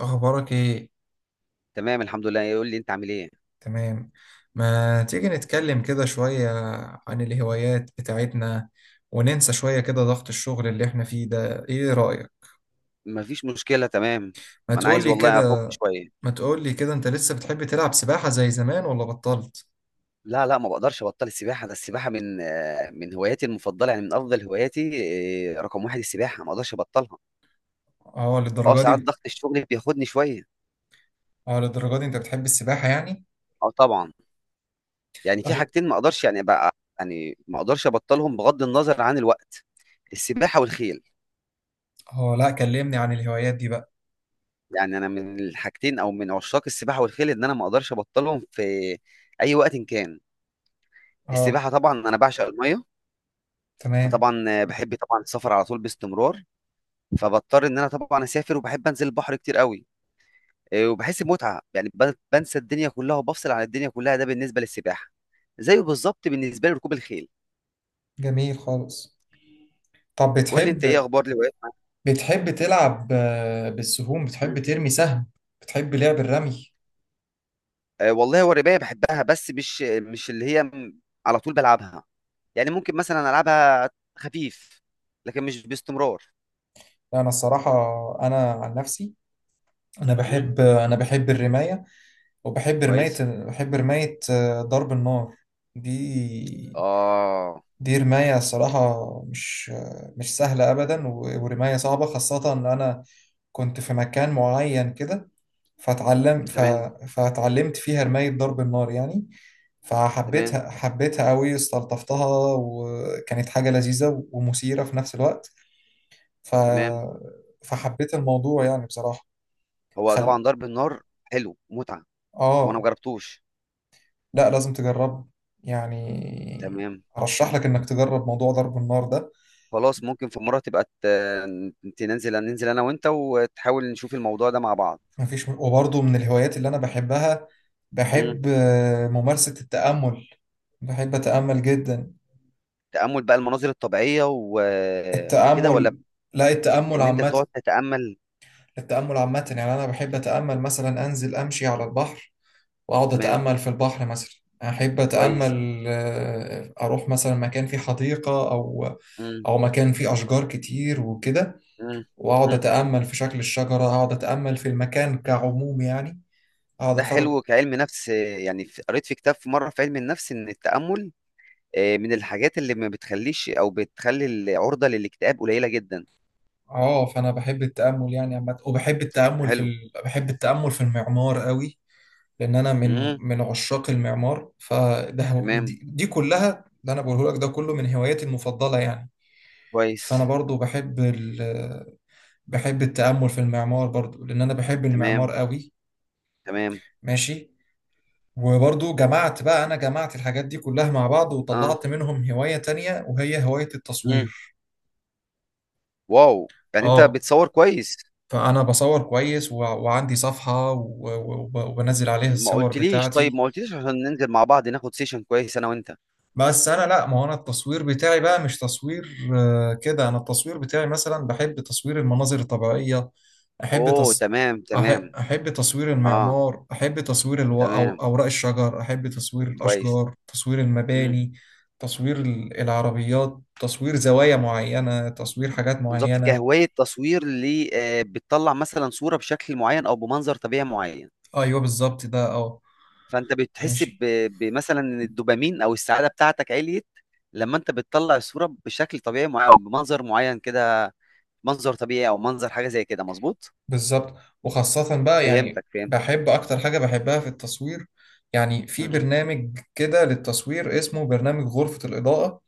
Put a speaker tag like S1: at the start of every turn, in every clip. S1: أخبارك إيه؟
S2: تمام، الحمد لله. يقول لي انت عامل ايه؟
S1: تمام. ما تيجي نتكلم كده شوية عن الهوايات بتاعتنا وننسى شوية كده ضغط الشغل اللي إحنا فيه ده، إيه رأيك؟
S2: مفيش مشكله، تمام.
S1: ما
S2: ما انا عايز
S1: تقولي
S2: والله افك
S1: كده.
S2: شويه.
S1: ما تقولي كده، أنت لسه بتحب تلعب سباحة زي زمان ولا بطلت؟
S2: لا، لا، ما بقدرش ابطل السباحه. ده السباحه من هواياتي المفضله، يعني من افضل هواياتي. رقم واحد، السباحه ما اقدرش ابطلها.
S1: أه،
S2: اه،
S1: للدرجة
S2: ساعات
S1: دي.
S2: ضغط الشغل بياخدني شويه.
S1: أه، للدرجة دي، أنت بتحب السباحة يعني؟
S2: اه، طبعا. يعني في
S1: طب.
S2: حاجتين ما اقدرش، يعني، بقى. يعني ما اقدرش ابطلهم بغض النظر عن الوقت. السباحه والخيل.
S1: أه، لأ، كلمني عن الهوايات دي بقى.
S2: يعني انا من الحاجتين، او من عشاق السباحه والخيل، ان انا ما اقدرش ابطلهم في اي وقت إن كان.
S1: أه.
S2: السباحه طبعا انا بعشق الميه.
S1: تمام.
S2: فطبعا بحب طبعا السفر على طول، باستمرار. فبضطر ان انا طبعا اسافر، وبحب انزل البحر كتير قوي. إيه، وبحس بمتعه، يعني بنسى الدنيا كلها وبفصل عن الدنيا كلها. ده بالنسبه للسباحه. زيه بالظبط بالنسبه لركوب الخيل.
S1: جميل خالص. طب
S2: قول لي انت ايه
S1: بتحب
S2: اخبار الهوايات؟
S1: بتحب تلعب بالسهوم،
S2: مم.
S1: بتحب ترمي سهم؟ بتحب لعب الرمي؟
S2: والله هو الرمايه بحبها، بس مش اللي هي على طول بلعبها. يعني ممكن مثلا العبها خفيف. لكن مش باستمرار.
S1: لا، انا الصراحه، انا عن نفسي، انا
S2: مم.
S1: بحب انا بحب الرمايه، وبحب رمايه
S2: كويس.
S1: بحب رمايه آه، ضرب النار دي.
S2: اه،
S1: دي رمايه الصراحه، مش سهله ابدا، ورمايه صعبه، خاصه ان انا كنت في مكان معين كده. فتعلم ف...
S2: تمام،
S1: فتعلمت فيها رمايه ضرب النار يعني.
S2: تمام،
S1: فحبيتها قوي، استلطفتها، وكانت حاجه لذيذه ومثيره في نفس الوقت. ف...
S2: تمام.
S1: فحبيت الموضوع يعني بصراحه.
S2: هو
S1: خل
S2: طبعا ضرب النار حلو، متعه. هو انا
S1: اه.
S2: مجربتوش.
S1: لا، لازم تجرب يعني،
S2: تمام.
S1: ارشح لك انك تجرب موضوع ضرب النار ده.
S2: خلاص، ممكن في مره تبقى ننزل انا وانت، وتحاول نشوف الموضوع ده مع بعض.
S1: مفيش، وبرضه من الهوايات اللي انا بحبها،
S2: مم.
S1: بحب ممارسة التأمل. بحب أتأمل جدا.
S2: تامل بقى المناظر الطبيعيه وكده، ولا؟
S1: التأمل. لا، التأمل
S2: ان انت
S1: عامة.
S2: تقعد تتامل؟
S1: التأمل عامة، يعني أنا بحب أتأمل مثلا أنزل أمشي على البحر، وأقعد
S2: تمام،
S1: أتأمل في البحر مثلا. أحب
S2: كويس.
S1: أتأمل، أروح مثلا مكان فيه حديقة، أو
S2: مم.
S1: أو مكان فيه أشجار كتير وكده.
S2: مم.
S1: واقعد
S2: مم.
S1: اتامل في شكل الشجره، اقعد اتامل في المكان كعموم يعني، اقعد
S2: ده
S1: اتفرج.
S2: حلو، كعلم نفس. يعني قريت في كتاب في مره في علم النفس ان التامل من الحاجات اللي ما بتخليش او بتخلي العرضه للاكتئاب قليله جدا.
S1: اه، فانا بحب التامل يعني عامه، وبحب التامل
S2: حلو.
S1: بحب التامل في المعمار قوي، لان انا من
S2: مم.
S1: من عشاق المعمار. فده
S2: تمام،
S1: دي كلها اللي انا بقوله لك، ده كله من هواياتي المفضله يعني. فانا
S2: كويس،
S1: برضو بحب بحب التامل في المعمار برضو، لان انا بحب المعمار
S2: تمام،
S1: قوي.
S2: تمام.
S1: ماشي. وبرضو جمعت بقى، أنا جمعت الحاجات دي كلها مع بعض
S2: اه.
S1: وطلعت منهم هواية تانية وهي هواية
S2: مم.
S1: التصوير.
S2: واو، يعني انت
S1: اه،
S2: بتصور كويس.
S1: فانا بصور كويس، وعندي صفحة، وبنزل عليها
S2: ما
S1: الصور
S2: قلتليش، طيب
S1: بتاعتي.
S2: ما قلتليش عشان ننزل مع بعض ناخد سيشن كويس انا وانت.
S1: بس انا، لا، ما هو انا التصوير بتاعي بقى مش تصوير كده. انا التصوير بتاعي مثلا بحب تصوير المناظر الطبيعية. احب
S2: اوه،
S1: تص...
S2: تمام،
S1: أح...
S2: تمام.
S1: احب تصوير
S2: اه،
S1: المعمار، احب تصوير
S2: تمام،
S1: اوراق الشجر، احب تصوير
S2: كويس.
S1: الاشجار، تصوير
S2: مم.
S1: المباني، تصوير العربيات، تصوير زوايا معينة، تصوير حاجات
S2: بالظبط،
S1: معينة.
S2: كهواية تصوير اللي بتطلع مثلا صورة بشكل معين او بمنظر طبيعي معين.
S1: ايوه بالظبط ده اه.
S2: فانت بتحس
S1: ماشي.
S2: بمثلا ان الدوبامين او السعادة بتاعتك عليت. لما انت بتطلع الصورة بشكل طبيعي معين او بمنظر معين كده. منظر طبيعي او منظر حاجة زي كده، مظبوط.
S1: بالظبط. وخاصة بقى يعني
S2: فهمتك، فهمت.
S1: بحب أكتر حاجة بحبها في التصوير، يعني في
S2: مم.
S1: برنامج كده للتصوير اسمه برنامج غرفة الإضاءة.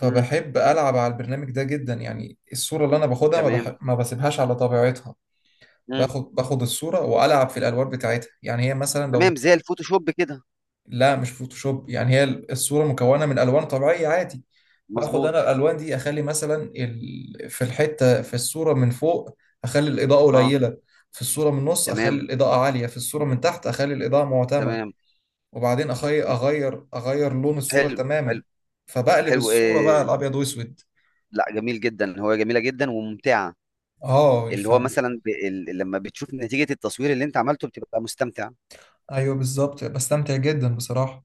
S2: مم.
S1: ألعب على البرنامج ده جدا. يعني الصورة اللي أنا باخدها
S2: تمام.
S1: ما بسيبهاش على طبيعتها.
S2: مم.
S1: باخد الصورة وألعب في الألوان بتاعتها، يعني هي مثلا لو.
S2: تمام، زي الفوتوشوب كده.
S1: لا مش فوتوشوب، يعني هي الصورة مكونة من ألوان طبيعية عادي. باخد
S2: مظبوط.
S1: أنا الألوان دي، أخلي مثلا في الحتة في الصورة من فوق أخلي الإضاءة
S2: اه،
S1: قليلة، في الصورة من النص أخلي
S2: تمام،
S1: الإضاءة عالية، في الصورة من تحت أخلي الإضاءة معتمة.
S2: تمام.
S1: وبعدين
S2: م-
S1: أغير لون الصورة
S2: حلو،
S1: تماما،
S2: حلو.
S1: فبقلب
S2: حلو،
S1: الصورة بقى
S2: إيه.
S1: الأبيض وأسود.
S2: لا، جميل جدا، هو جميله جدا وممتعه.
S1: اه
S2: اللي هو مثلا لما بتشوف نتيجه التصوير اللي انت عملته بتبقى مستمتع.
S1: أيوه بالظبط، بستمتع جدا بصراحة.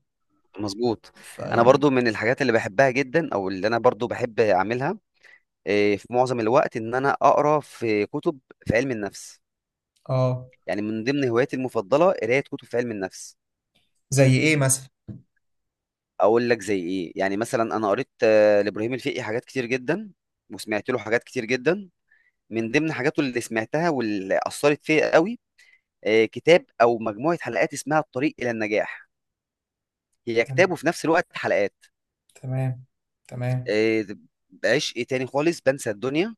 S2: مظبوط. انا
S1: فيعني.
S2: برضو من الحاجات اللي بحبها جدا، او اللي انا برضو بحب اعملها. إيه، في معظم الوقت ان انا اقرا في كتب. في علم النفس.
S1: اه.
S2: يعني من ضمن هواياتي المفضله قرايه كتب في علم النفس.
S1: زي إيه مثلا؟
S2: اقول لك زي ايه. يعني مثلا انا قريت لابراهيم الفقي حاجات كتير جدا. وسمعت له حاجات كتير جدا. من ضمن حاجاته اللي سمعتها واللي اثرت فيا قوي، كتاب او مجموعه حلقات اسمها الطريق الى النجاح. هي كتاب
S1: تم-
S2: وفي نفس الوقت حلقات.
S1: تمام. تمام.
S2: آه، بعشق تاني خالص، بنسى الدنيا.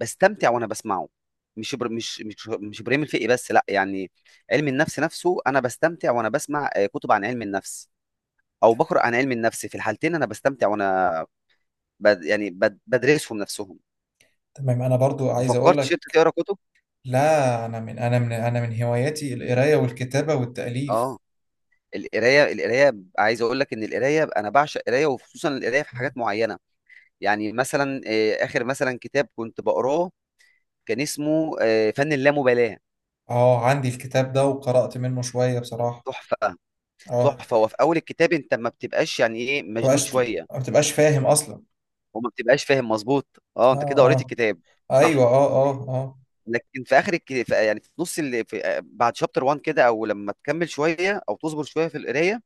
S2: بستمتع وانا بسمعه. مش ابراهيم الفقي بس، لا يعني. علم النفس نفسه انا بستمتع وانا بسمع كتب عن علم النفس. او بقرا عن علم النفس، في الحالتين انا بستمتع، وانا يعني بدرسهم نفسهم.
S1: تمام. انا برضو
S2: ما
S1: عايز اقول
S2: فكرتش
S1: لك،
S2: أنت تقرا كتب؟
S1: لا انا من هواياتي القرايه والكتابه
S2: آه،
S1: والتاليف.
S2: القراية، القراية. عايز أقول لك إن القراية أنا باعشق القراية، وخصوصًا القراية في حاجات معينة. يعني مثلًا، آخر مثلًا كتاب كنت باقراه، كان اسمه فن اللامبالاة.
S1: اه، عندي الكتاب ده وقرات منه شويه بصراحه.
S2: تحفة.
S1: اه.
S2: تحفة. هو في أول الكتاب أنت ما بتبقاش، يعني إيه، مشدود شوية،
S1: ما بتبقاش فاهم اصلا.
S2: وما بتبقاش فاهم، مضبوط. أنت كده
S1: اه.
S2: قريت
S1: اه.
S2: الكتاب،
S1: ايوه
S2: صح؟
S1: اه اه اه.
S2: لكن في آخر في، يعني في نُص في، بعد chapter 1 كده، أو لمّا تكمل شوية أو تصبر شوية في القراية،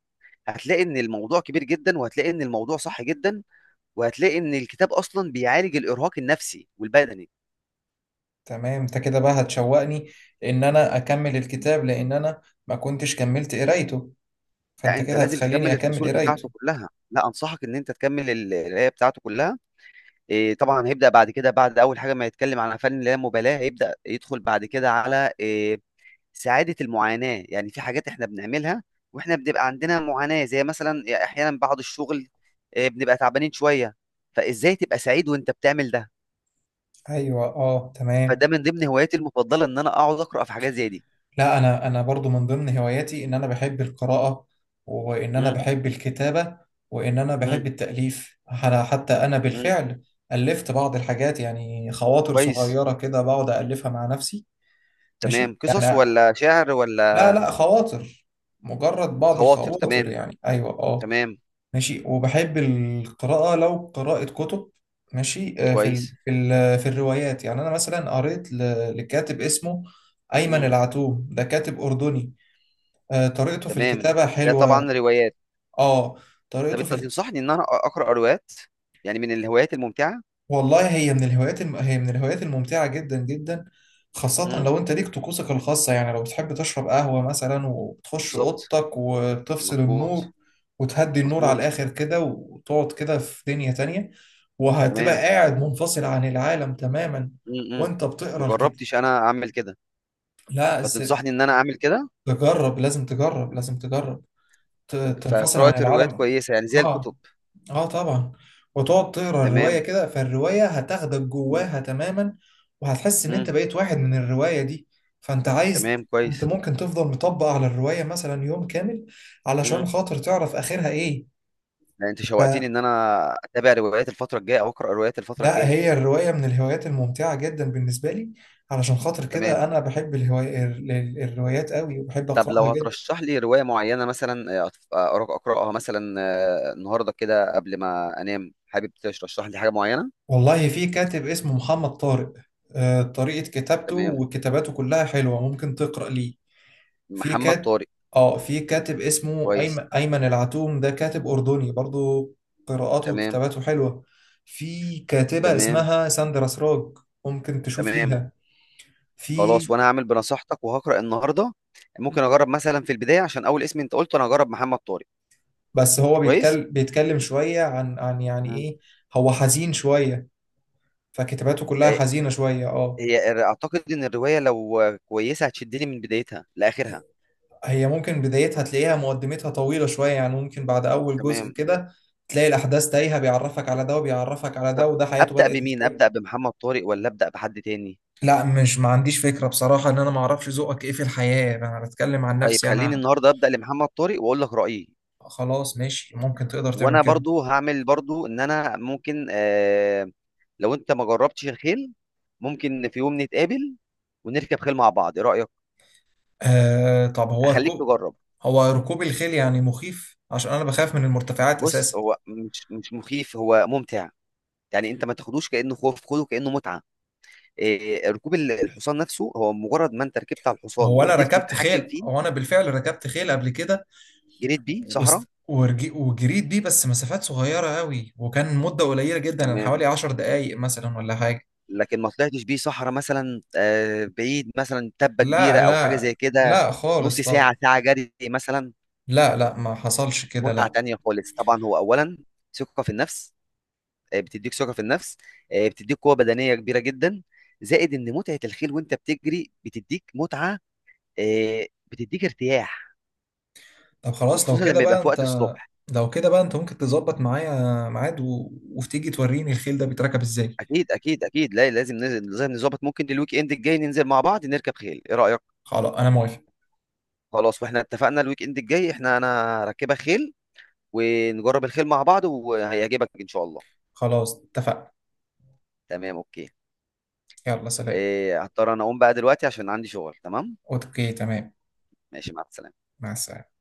S2: هتلاقي إن الموضوع كبير جدًا، وهتلاقي إن الموضوع صح جدًا، وهتلاقي إن الكتاب أصلًا بيعالج الإرهاق النفسي والبدني.
S1: تمام، انت كده بقى هتشوقني ان انا اكمل الكتاب، لان انا ما كنتش كملت قرايته،
S2: لأ،
S1: فانت
S2: أنت
S1: كده
S2: لازم
S1: هتخليني
S2: تكمّل
S1: اكمل
S2: الفصول
S1: قرايته.
S2: بتاعته كلّها. لأ، أنصحك إن أنت تكمّل القراية بتاعته كلّها. طبعًا هيبدأ بعد كده، بعد أول حاجة ما يتكلّم عن فن اللامبالاة، هيبدأ يدخل بعد كده على سعادة المعاناة. يعني في حاجات إحنا بنعملها وإحنا بنبقى عندنا معاناة، زي مثلًا، أحيانًا بعد الشغل بنبقى تعبانين شوية. فإزاي تبقى سعيد وأنت بتعمل ده؟
S1: ايوه اه. تمام.
S2: فده من ضمن هواياتي المفضلة إن أنا أقعد أقرأ في حاجات زي دي.
S1: لا، انا برضو من ضمن هواياتي ان انا بحب القراءة، وان انا
S2: إمم،
S1: بحب الكتابة، وان انا
S2: إمم،
S1: بحب التأليف. حتى انا
S2: إمم.
S1: بالفعل ألفت بعض الحاجات، يعني خواطر
S2: كويس.
S1: صغيرة كده بقعد ألفها مع نفسي. ماشي
S2: تمام، قصص
S1: يعني.
S2: ولا شعر
S1: لا
S2: ولا؟
S1: لا، خواطر. مجرد بعض
S2: خواطر،
S1: الخواطر
S2: تمام،
S1: يعني، ايوه اه.
S2: تمام،
S1: ماشي. وبحب القراءة، لو قراءة كتب. ماشي. في ال
S2: كويس.
S1: في ال في الروايات، يعني انا مثلا قريت لكاتب اسمه أيمن
S2: مم.
S1: العتوم، ده كاتب أردني. طريقته في
S2: تمام،
S1: الكتابة
S2: ده
S1: حلوة.
S2: طبعا روايات.
S1: اه،
S2: طب
S1: طريقته
S2: انت تنصحني ان انا اقرا روايات؟ يعني من الهوايات الممتعه؟
S1: والله، هي من الهوايات الممتعة جدا جدا، خاصة
S2: مم.
S1: لو انت ليك طقوسك الخاصة. يعني لو بتحب تشرب قهوة مثلا وتخش
S2: بالظبط.
S1: اوضتك وتفصل
S2: مظبوط،
S1: النور، وتهدي النور على
S2: مظبوط،
S1: الاخر كده، وتقعد كده في دنيا تانية، وهتبقى
S2: تمام.
S1: قاعد منفصل عن العالم تماما
S2: امم.
S1: وانت
S2: ما
S1: بتقرا الكتاب.
S2: جربتش انا اعمل كده.
S1: لا إز-
S2: فتنصحني ان انا اعمل كده؟
S1: تجرب، لازم تجرب، تنفصل
S2: فقراءه
S1: عن
S2: الروايات
S1: العالم.
S2: كويسه، يعني زي الكتب؟
S1: اه. اه طبعا. وتقعد تقرا الرواية
S2: تمام.
S1: كده، فالرواية هتاخدك
S2: مم.
S1: جواها تماما، وهتحس ان
S2: مم.
S1: انت بقيت واحد من الرواية دي. فانت عايز.
S2: تمام،
S1: انت
S2: كويس.
S1: ممكن تفضل مطبق على الرواية مثلا يوم كامل
S2: مم.
S1: علشان خاطر تعرف اخرها ايه.
S2: لا، انت شوقتني
S1: ف-
S2: ان انا اتابع روايات الفتره الجايه، او اقرا روايات الفتره
S1: لا،
S2: الجايه.
S1: هي الرواية من الهوايات الممتعة جدا بالنسبة لي، علشان خاطر كده
S2: تمام.
S1: انا بحب الهواية الروايات قوي، وبحب
S2: طب
S1: اقراها
S2: لو
S1: جدا.
S2: هترشح لي رواية معينة مثلا، أقرأها مثلا النهاردة كده قبل ما أنام، حابب ترشح لي حاجة معينة؟
S1: والله في كاتب اسمه محمد طارق. طريقة كتابته
S2: تمام.
S1: وكتاباته كلها حلوة، ممكن تقرأ ليه. في
S2: محمد
S1: كات
S2: طارق.
S1: اه، في كاتب اسمه
S2: كويس،
S1: أيمن العتوم، ده كاتب أردني برضو، قراءاته
S2: تمام،
S1: وكتاباته حلوة. في كاتبة
S2: تمام،
S1: اسمها ساندرا سراج، ممكن تشوف
S2: تمام.
S1: ليها.
S2: خلاص،
S1: في
S2: وأنا هعمل بنصيحتك وهقرأ النهاردة. ممكن أجرب مثلا في البداية، عشان أول اسم أنت قلته، أنا هجرب محمد طارق.
S1: بس هو
S2: كويس؟
S1: بيتكلم شوية عن يعني
S2: مم.
S1: إيه، هو حزين شوية، فكتاباته كلها
S2: آه،
S1: حزينة شوية اه.
S2: هي أعتقد إن الرواية لو كويسة هتشدني من بدايتها لآخرها.
S1: هي ممكن بدايتها تلاقيها مقدمتها طويلة شوية، يعني ممكن بعد أول جزء
S2: تمام.
S1: كده تلاقي الأحداث تايهة، بيعرفك على ده وبيعرفك على
S2: طب
S1: ده وده حياته
S2: أبدأ
S1: بدأت
S2: بمين؟
S1: إزاي.
S2: أبدأ بمحمد طارق ولا أبدأ بحد تاني؟
S1: لا، مش، ما عنديش فكرة بصراحة، ان انا ما اعرفش ذوقك ايه في الحياة، انا بتكلم عن
S2: طيب،
S1: نفسي
S2: خليني
S1: انا.
S2: النهارده ابدا لمحمد طارق، واقول لك رايي.
S1: خلاص ماشي، ممكن تقدر تعمل
S2: وانا
S1: كده.
S2: برضو هعمل برضو ان انا ممكن لو انت ما جربتش الخيل، ممكن في يوم نتقابل، ونركب خيل مع بعض. ايه رايك؟
S1: آه طب هو
S2: اخليك
S1: ركوب
S2: تجرب.
S1: هو ركوب الخيل يعني مخيف، عشان انا بخاف من المرتفعات
S2: بص،
S1: اساسا.
S2: هو مش مخيف، هو ممتع. يعني انت ما تاخدوش كانه خوف، خده كانه متعه. آه، ركوب الحصان نفسه، هو مجرد ما انت ركبت على الحصان وقدرت تتحكم فيه.
S1: هو انا بالفعل ركبت خيل قبل كده
S2: جريت بيه في صحراء.
S1: وجريت بيه، بس مسافات صغيرة قوي، وكان مدة قليلة جدا، يعني حوالي
S2: تمام.
S1: 10 دقايق مثلا ولا حاجة.
S2: لكن ما طلعتش بيه صحراء مثلا، بعيد، مثلا تبة
S1: لا
S2: كبيرة أو حاجة
S1: لا
S2: زي كده.
S1: لا، خالص
S2: نص
S1: طبعا.
S2: ساعة، ساعة جري مثلا؟
S1: لا لا، ما حصلش كده،
S2: متعة
S1: لا.
S2: تانية خالص، طبعا، هو أولا، ثقة في النفس. بتديك ثقة في النفس. بتديك قوة بدنية كبيرة جدا. زائد إن متعة الخيل وأنت بتجري بتديك متعة. آه، بتديك ارتياح.
S1: طب خلاص لو
S2: وخصوصا
S1: كده
S2: لما يبقى
S1: بقى
S2: في
S1: انت
S2: وقت الصبح.
S1: لو كده بقى انت ممكن تظبط معايا ميعاد، وتيجي توريني الخيل ده بيتركب ازاي.
S2: أكيد، أكيد، أكيد، لا لازم لازم نظبط. ممكن الويك إند الجاي ننزل مع بعض نركب خيل، إيه رأيك؟
S1: خلاص انا موافق.
S2: خلاص، واحنا اتفقنا الويك إند الجاي احنا، أنا راكبة خيل، ونجرب الخيل مع بعض، وهيعجبك ان شاء الله.
S1: خلاص اتفقنا.
S2: تمام، اوكي.
S1: يلا سلام.
S2: إيه، هضطر انا اقوم بقى دلوقتي، عشان عندي شغل. تمام.
S1: اوكي تمام.
S2: ماشي، مع السلامة.
S1: مع السلامة.